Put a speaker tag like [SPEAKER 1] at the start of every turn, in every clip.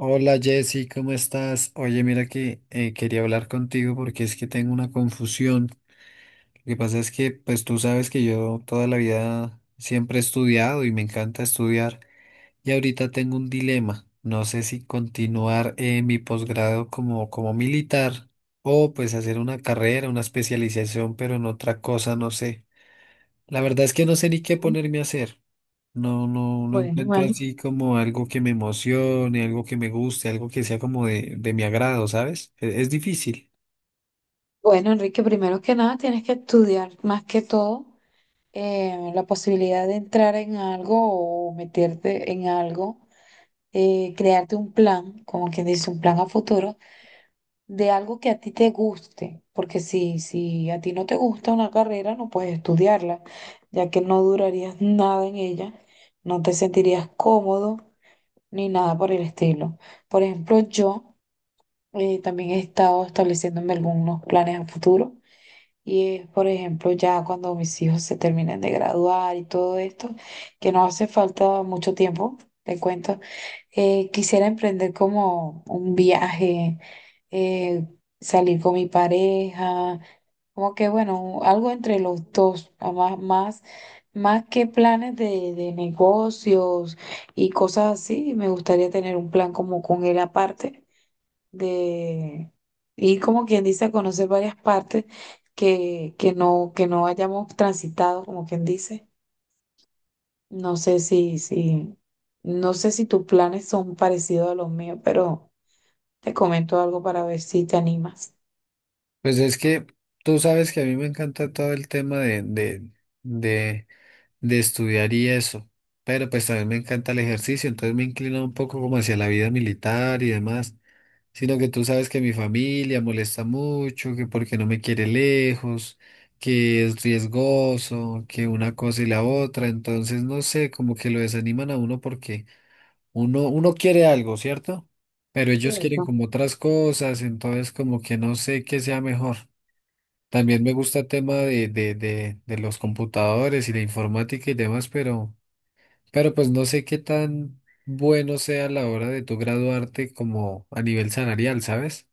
[SPEAKER 1] Hola Jessy, ¿cómo estás? Oye, mira que quería hablar contigo porque es que tengo una confusión. Lo que pasa es que, pues tú sabes que yo toda la vida siempre he estudiado y me encanta estudiar y ahorita tengo un dilema. No sé si continuar mi posgrado como militar o pues hacer una carrera, una especialización, pero en otra cosa, no sé. La verdad es que no sé ni qué
[SPEAKER 2] Mm,
[SPEAKER 1] ponerme a hacer. No, no, no
[SPEAKER 2] Bueno,
[SPEAKER 1] encuentro
[SPEAKER 2] bueno.
[SPEAKER 1] así como algo que me emocione, algo que me guste, algo que sea como de mi agrado, ¿sabes? Es difícil.
[SPEAKER 2] bueno, Enrique, primero que nada tienes que estudiar más que todo la posibilidad de entrar en algo o meterte en algo, crearte un plan, como quien dice, un plan a futuro de algo que a ti te guste, porque si a ti no te gusta una carrera, no puedes estudiarla, ya que no durarías nada en ella, no te sentirías cómodo ni nada por el estilo. Por ejemplo, yo... también he estado estableciéndome algunos planes a futuro y es, por ejemplo, ya cuando mis hijos se terminen de graduar y todo esto, que no hace falta mucho tiempo, te cuento, quisiera emprender como un viaje, eh, salir con mi pareja, como que bueno, algo entre los dos, a más, más, más que planes de negocios y cosas así, me gustaría tener un plan como con él aparte de ir como quien dice a conocer varias partes que no hayamos transitado, como quien dice. No sé si, si, no sé si tus planes son parecidos a los míos, pero te comento algo para ver si te animas.
[SPEAKER 1] Pues es que tú sabes que a mí me encanta todo el tema de, de estudiar y eso, pero pues también me encanta el ejercicio, entonces me inclino un poco como hacia la vida militar y demás. Sino que tú sabes que mi familia molesta mucho, que porque no me quiere lejos, que es riesgoso, que una cosa y la otra, entonces no sé, como que lo desaniman a uno porque uno quiere algo, ¿cierto? Pero ellos quieren
[SPEAKER 2] Cierto.
[SPEAKER 1] como otras cosas, entonces como que no sé qué sea mejor. También me gusta el tema de los computadores y la informática y demás, pero pues no sé qué tan bueno sea a la hora de tu graduarte como a nivel salarial, ¿sabes?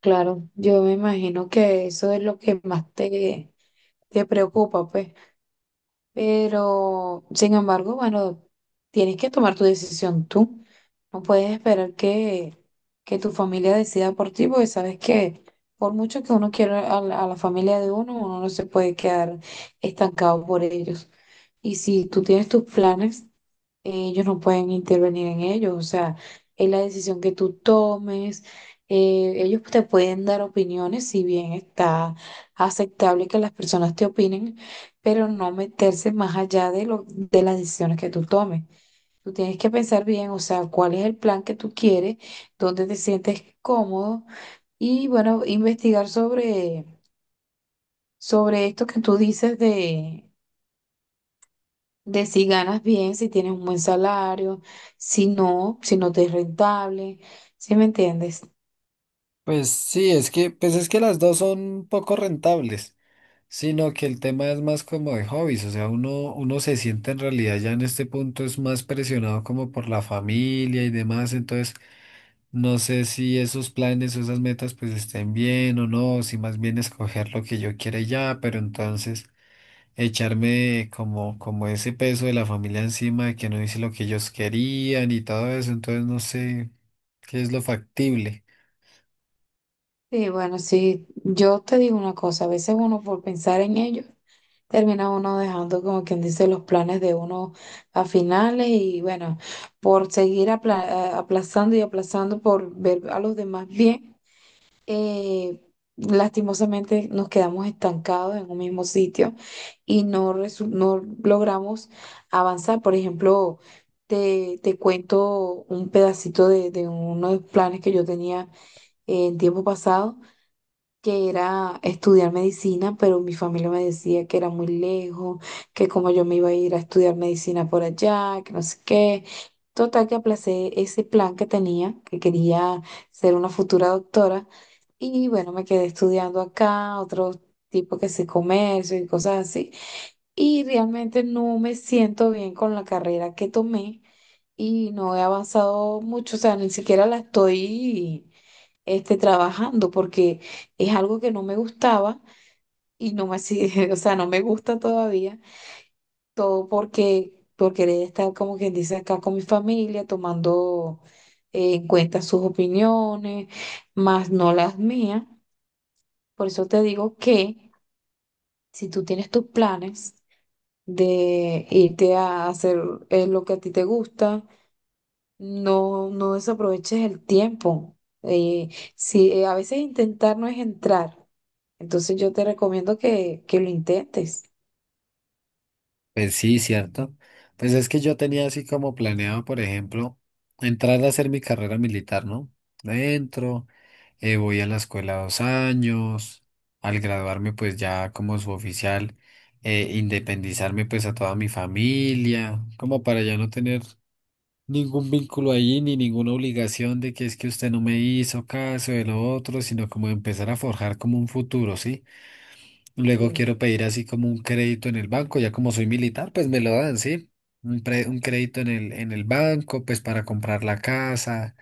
[SPEAKER 2] Claro, yo me imagino que eso es lo que te preocupa, pues. Pero, sin embargo, bueno, tienes que tomar tu decisión tú. No puedes esperar que tu familia decida por ti, porque sabes que por mucho que uno quiera a la familia de uno, uno no se puede quedar estancado por ellos. Y si tú tienes tus planes, ellos no pueden intervenir en ellos, o sea, es la decisión que tú tomes, ellos te pueden dar opiniones, si bien está aceptable que las personas te opinen, pero no meterse más allá de las decisiones que tú tomes. Tú tienes que pensar bien, o sea, cuál es el plan que tú quieres, dónde te sientes cómodo y bueno, sobre esto que tú dices de si ganas bien, si tienes un buen salario, si no, si no te es rentable, ¿sí me entiendes?
[SPEAKER 1] Pues sí, es que, pues es que las dos son poco rentables, sino que el tema es más como de hobbies, o sea, uno se siente en realidad ya en este punto es más presionado como por la familia y demás, entonces no sé si esos planes o esas metas pues estén bien o no, si más bien escoger lo que yo quiera y ya, pero entonces echarme como ese peso de la familia encima de que no hice lo que ellos querían y todo eso, entonces no sé qué es lo factible.
[SPEAKER 2] Sí, bueno, sí, yo te digo una cosa, a veces uno por pensar en ello, termina uno dejando como quien dice los planes de uno a finales y bueno, por seguir aplazando y aplazando por ver a los demás bien. eh, Lastimosamente nos quedamos estancados en un mismo sitio y no logramos avanzar. Por ejemplo, te cuento un pedacito de uno de los planes que yo tenía en tiempo pasado que era estudiar medicina, pero mi familia me decía que era muy lejos, que como yo me iba a ir a estudiar medicina por allá, que no sé qué. Total que aplacé ese plan que tenía, que quería ser una futura doctora, y bueno, me quedé estudiando acá, otro tipo que sí comercio y cosas así, y realmente no me siento bien con la carrera que tomé y no he avanzado mucho, o sea, ni siquiera la estoy trabajando porque es algo que no me gustaba y no me hacía, o sea, no me gusta todavía, todo porque, porque querer estar como quien dice acá con mi familia, tomando en cuenta sus opiniones, más no las mías. Por eso te digo que si tú tienes tus planes de irte a hacer lo que a ti te gusta. No, no desaproveches el tiempo. Eh, si a veces intentar no es entrar, entonces yo te recomiendo que lo intentes.
[SPEAKER 1] Pues sí, cierto. Pues es que yo tenía así como planeado, por ejemplo, entrar a hacer mi carrera militar, ¿no? Dentro, voy a la escuela 2 años, al graduarme pues ya como suboficial, independizarme pues a toda mi familia, como para ya no tener ningún vínculo allí ni ninguna obligación de que es que usted no me hizo caso de lo otro, sino como empezar a forjar como un futuro, ¿sí? Luego
[SPEAKER 2] Sí.
[SPEAKER 1] quiero pedir así como un crédito en el banco, ya como soy militar, pues me lo dan, ¿sí? Un crédito en el banco, pues para comprar la casa,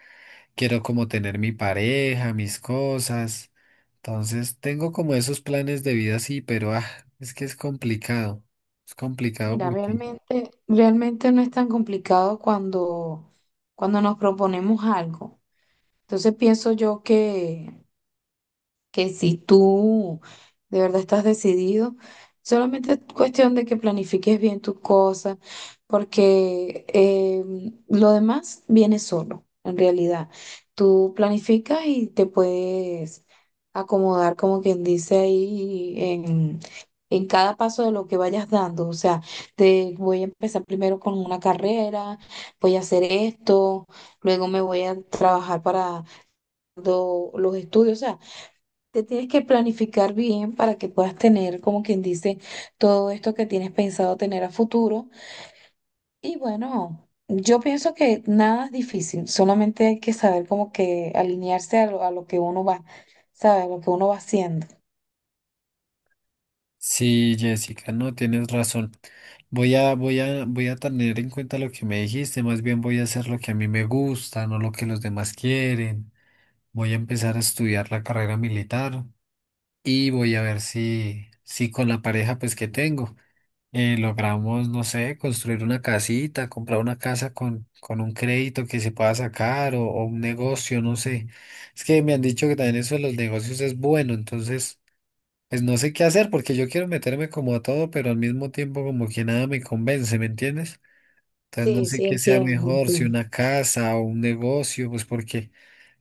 [SPEAKER 1] quiero como tener mi pareja, mis cosas. Entonces, tengo como esos planes de vida, sí, pero ah, es que es complicado. Es complicado
[SPEAKER 2] Mira,
[SPEAKER 1] porque...
[SPEAKER 2] realmente, realmente no es tan complicado cuando nos proponemos algo. Entonces pienso yo que si tú de verdad estás decidido, solamente es cuestión de que planifiques bien tus cosas, porque lo demás viene solo, en realidad. Tú planificas y te puedes acomodar, como quien dice ahí, en cada paso de lo que vayas dando. O sea, te voy a empezar primero con una carrera, voy a hacer esto, luego me voy a trabajar para los estudios, o sea. Te tienes que planificar bien para que puedas tener, como quien dice, todo esto que tienes pensado tener a futuro. Y bueno, yo pienso que nada es difícil, solamente hay que saber como que alinearse a lo que uno va, sabe, a lo que uno va haciendo.
[SPEAKER 1] Sí, Jessica, no, tienes razón. Voy a tener en cuenta lo que me dijiste, más bien voy a hacer lo que a mí me gusta, no lo que los demás quieren. Voy a empezar a estudiar la carrera militar y voy a ver si, si con la pareja pues que tengo logramos, no sé, construir una casita, comprar una casa con un crédito que se pueda sacar o un negocio, no sé. Es que me han dicho que también eso de los negocios es bueno, entonces pues no sé qué hacer porque yo quiero meterme como a todo, pero al mismo tiempo como que nada me convence, ¿me entiendes? Entonces no
[SPEAKER 2] Sí,
[SPEAKER 1] sé
[SPEAKER 2] sí,
[SPEAKER 1] qué sea
[SPEAKER 2] entiendo.
[SPEAKER 1] mejor, si
[SPEAKER 2] Entiendo.
[SPEAKER 1] una casa o un negocio, pues porque...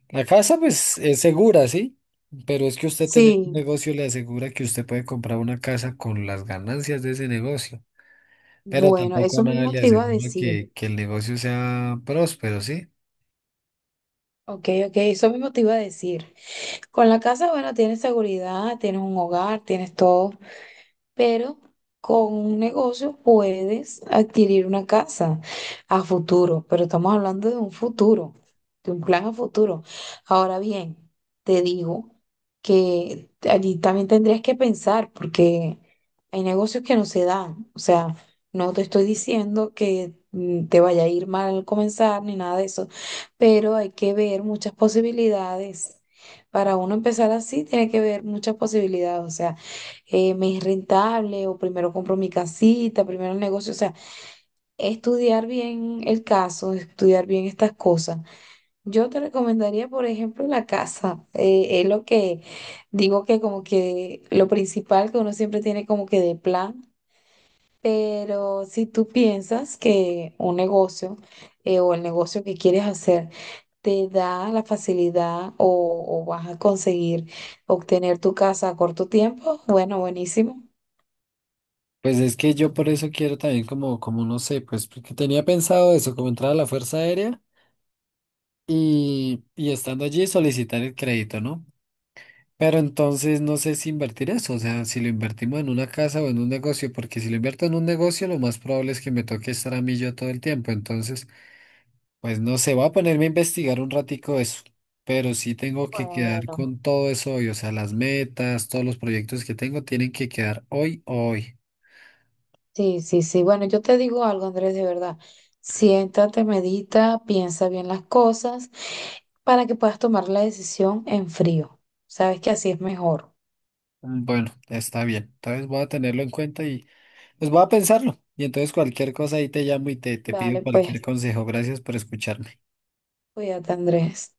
[SPEAKER 1] La casa, pues, es segura, ¿sí? Pero es que usted tener un
[SPEAKER 2] Sí,
[SPEAKER 1] negocio le asegura que usted puede comprar una casa con las ganancias de ese negocio. Pero
[SPEAKER 2] bueno,
[SPEAKER 1] tampoco
[SPEAKER 2] eso
[SPEAKER 1] nada
[SPEAKER 2] mismo
[SPEAKER 1] le
[SPEAKER 2] te iba a
[SPEAKER 1] asegura
[SPEAKER 2] decir.
[SPEAKER 1] que el negocio sea próspero, ¿sí?
[SPEAKER 2] Ok, ok, eso mismo te iba a decir. Con la casa, bueno, tienes seguridad, tienes un hogar, tienes todo. Pero con un negocio puedes adquirir una casa a futuro, pero estamos hablando de un futuro, de un plan a futuro. Ahora bien, te digo que allí también tendrías que pensar porque hay negocios que no se dan, o sea, no te estoy diciendo que te vaya a ir mal al comenzar ni nada de eso, pero hay que ver muchas posibilidades. Para uno empezar así, tiene que ver muchas posibilidades, o sea, me es rentable o primero compro mi casita, primero el negocio, o sea, estudiar bien el caso, estudiar bien estas cosas. Yo te recomendaría, por ejemplo, la casa. Es lo que digo que como que lo principal que uno siempre tiene como que de plan, pero si tú piensas que un negocio o el negocio que quieres hacer te da la facilidad o vas a conseguir obtener tu casa a corto tiempo, bueno, buenísimo.
[SPEAKER 1] Pues es que yo por eso quiero también como no sé, pues porque tenía pensado eso, como entrar a la Fuerza Aérea y estando allí solicitar el crédito, ¿no? Pero entonces no sé si invertir eso, o sea, si lo invertimos en una casa o en un negocio, porque si lo invierto en un negocio, lo más probable es que me toque estar a mí yo todo el tiempo. Entonces, pues no sé, voy a ponerme a investigar un ratico eso, pero sí tengo que quedar
[SPEAKER 2] Bueno,
[SPEAKER 1] con todo eso hoy, o sea, las metas, todos los proyectos que tengo tienen que quedar hoy o hoy.
[SPEAKER 2] sí, sí, sí. Bueno, yo te digo algo, Andrés, de verdad. Siéntate, medita, piensa bien las cosas para que puedas tomar la decisión en frío. Sabes que así es mejor.
[SPEAKER 1] Mm, bueno, está bien. Entonces voy a tenerlo en cuenta y pues voy a pensarlo. Y entonces cualquier cosa ahí te llamo y te
[SPEAKER 2] Vale,
[SPEAKER 1] pido cualquier
[SPEAKER 2] pues
[SPEAKER 1] consejo. Gracias por escucharme.
[SPEAKER 2] cuídate, Andrés.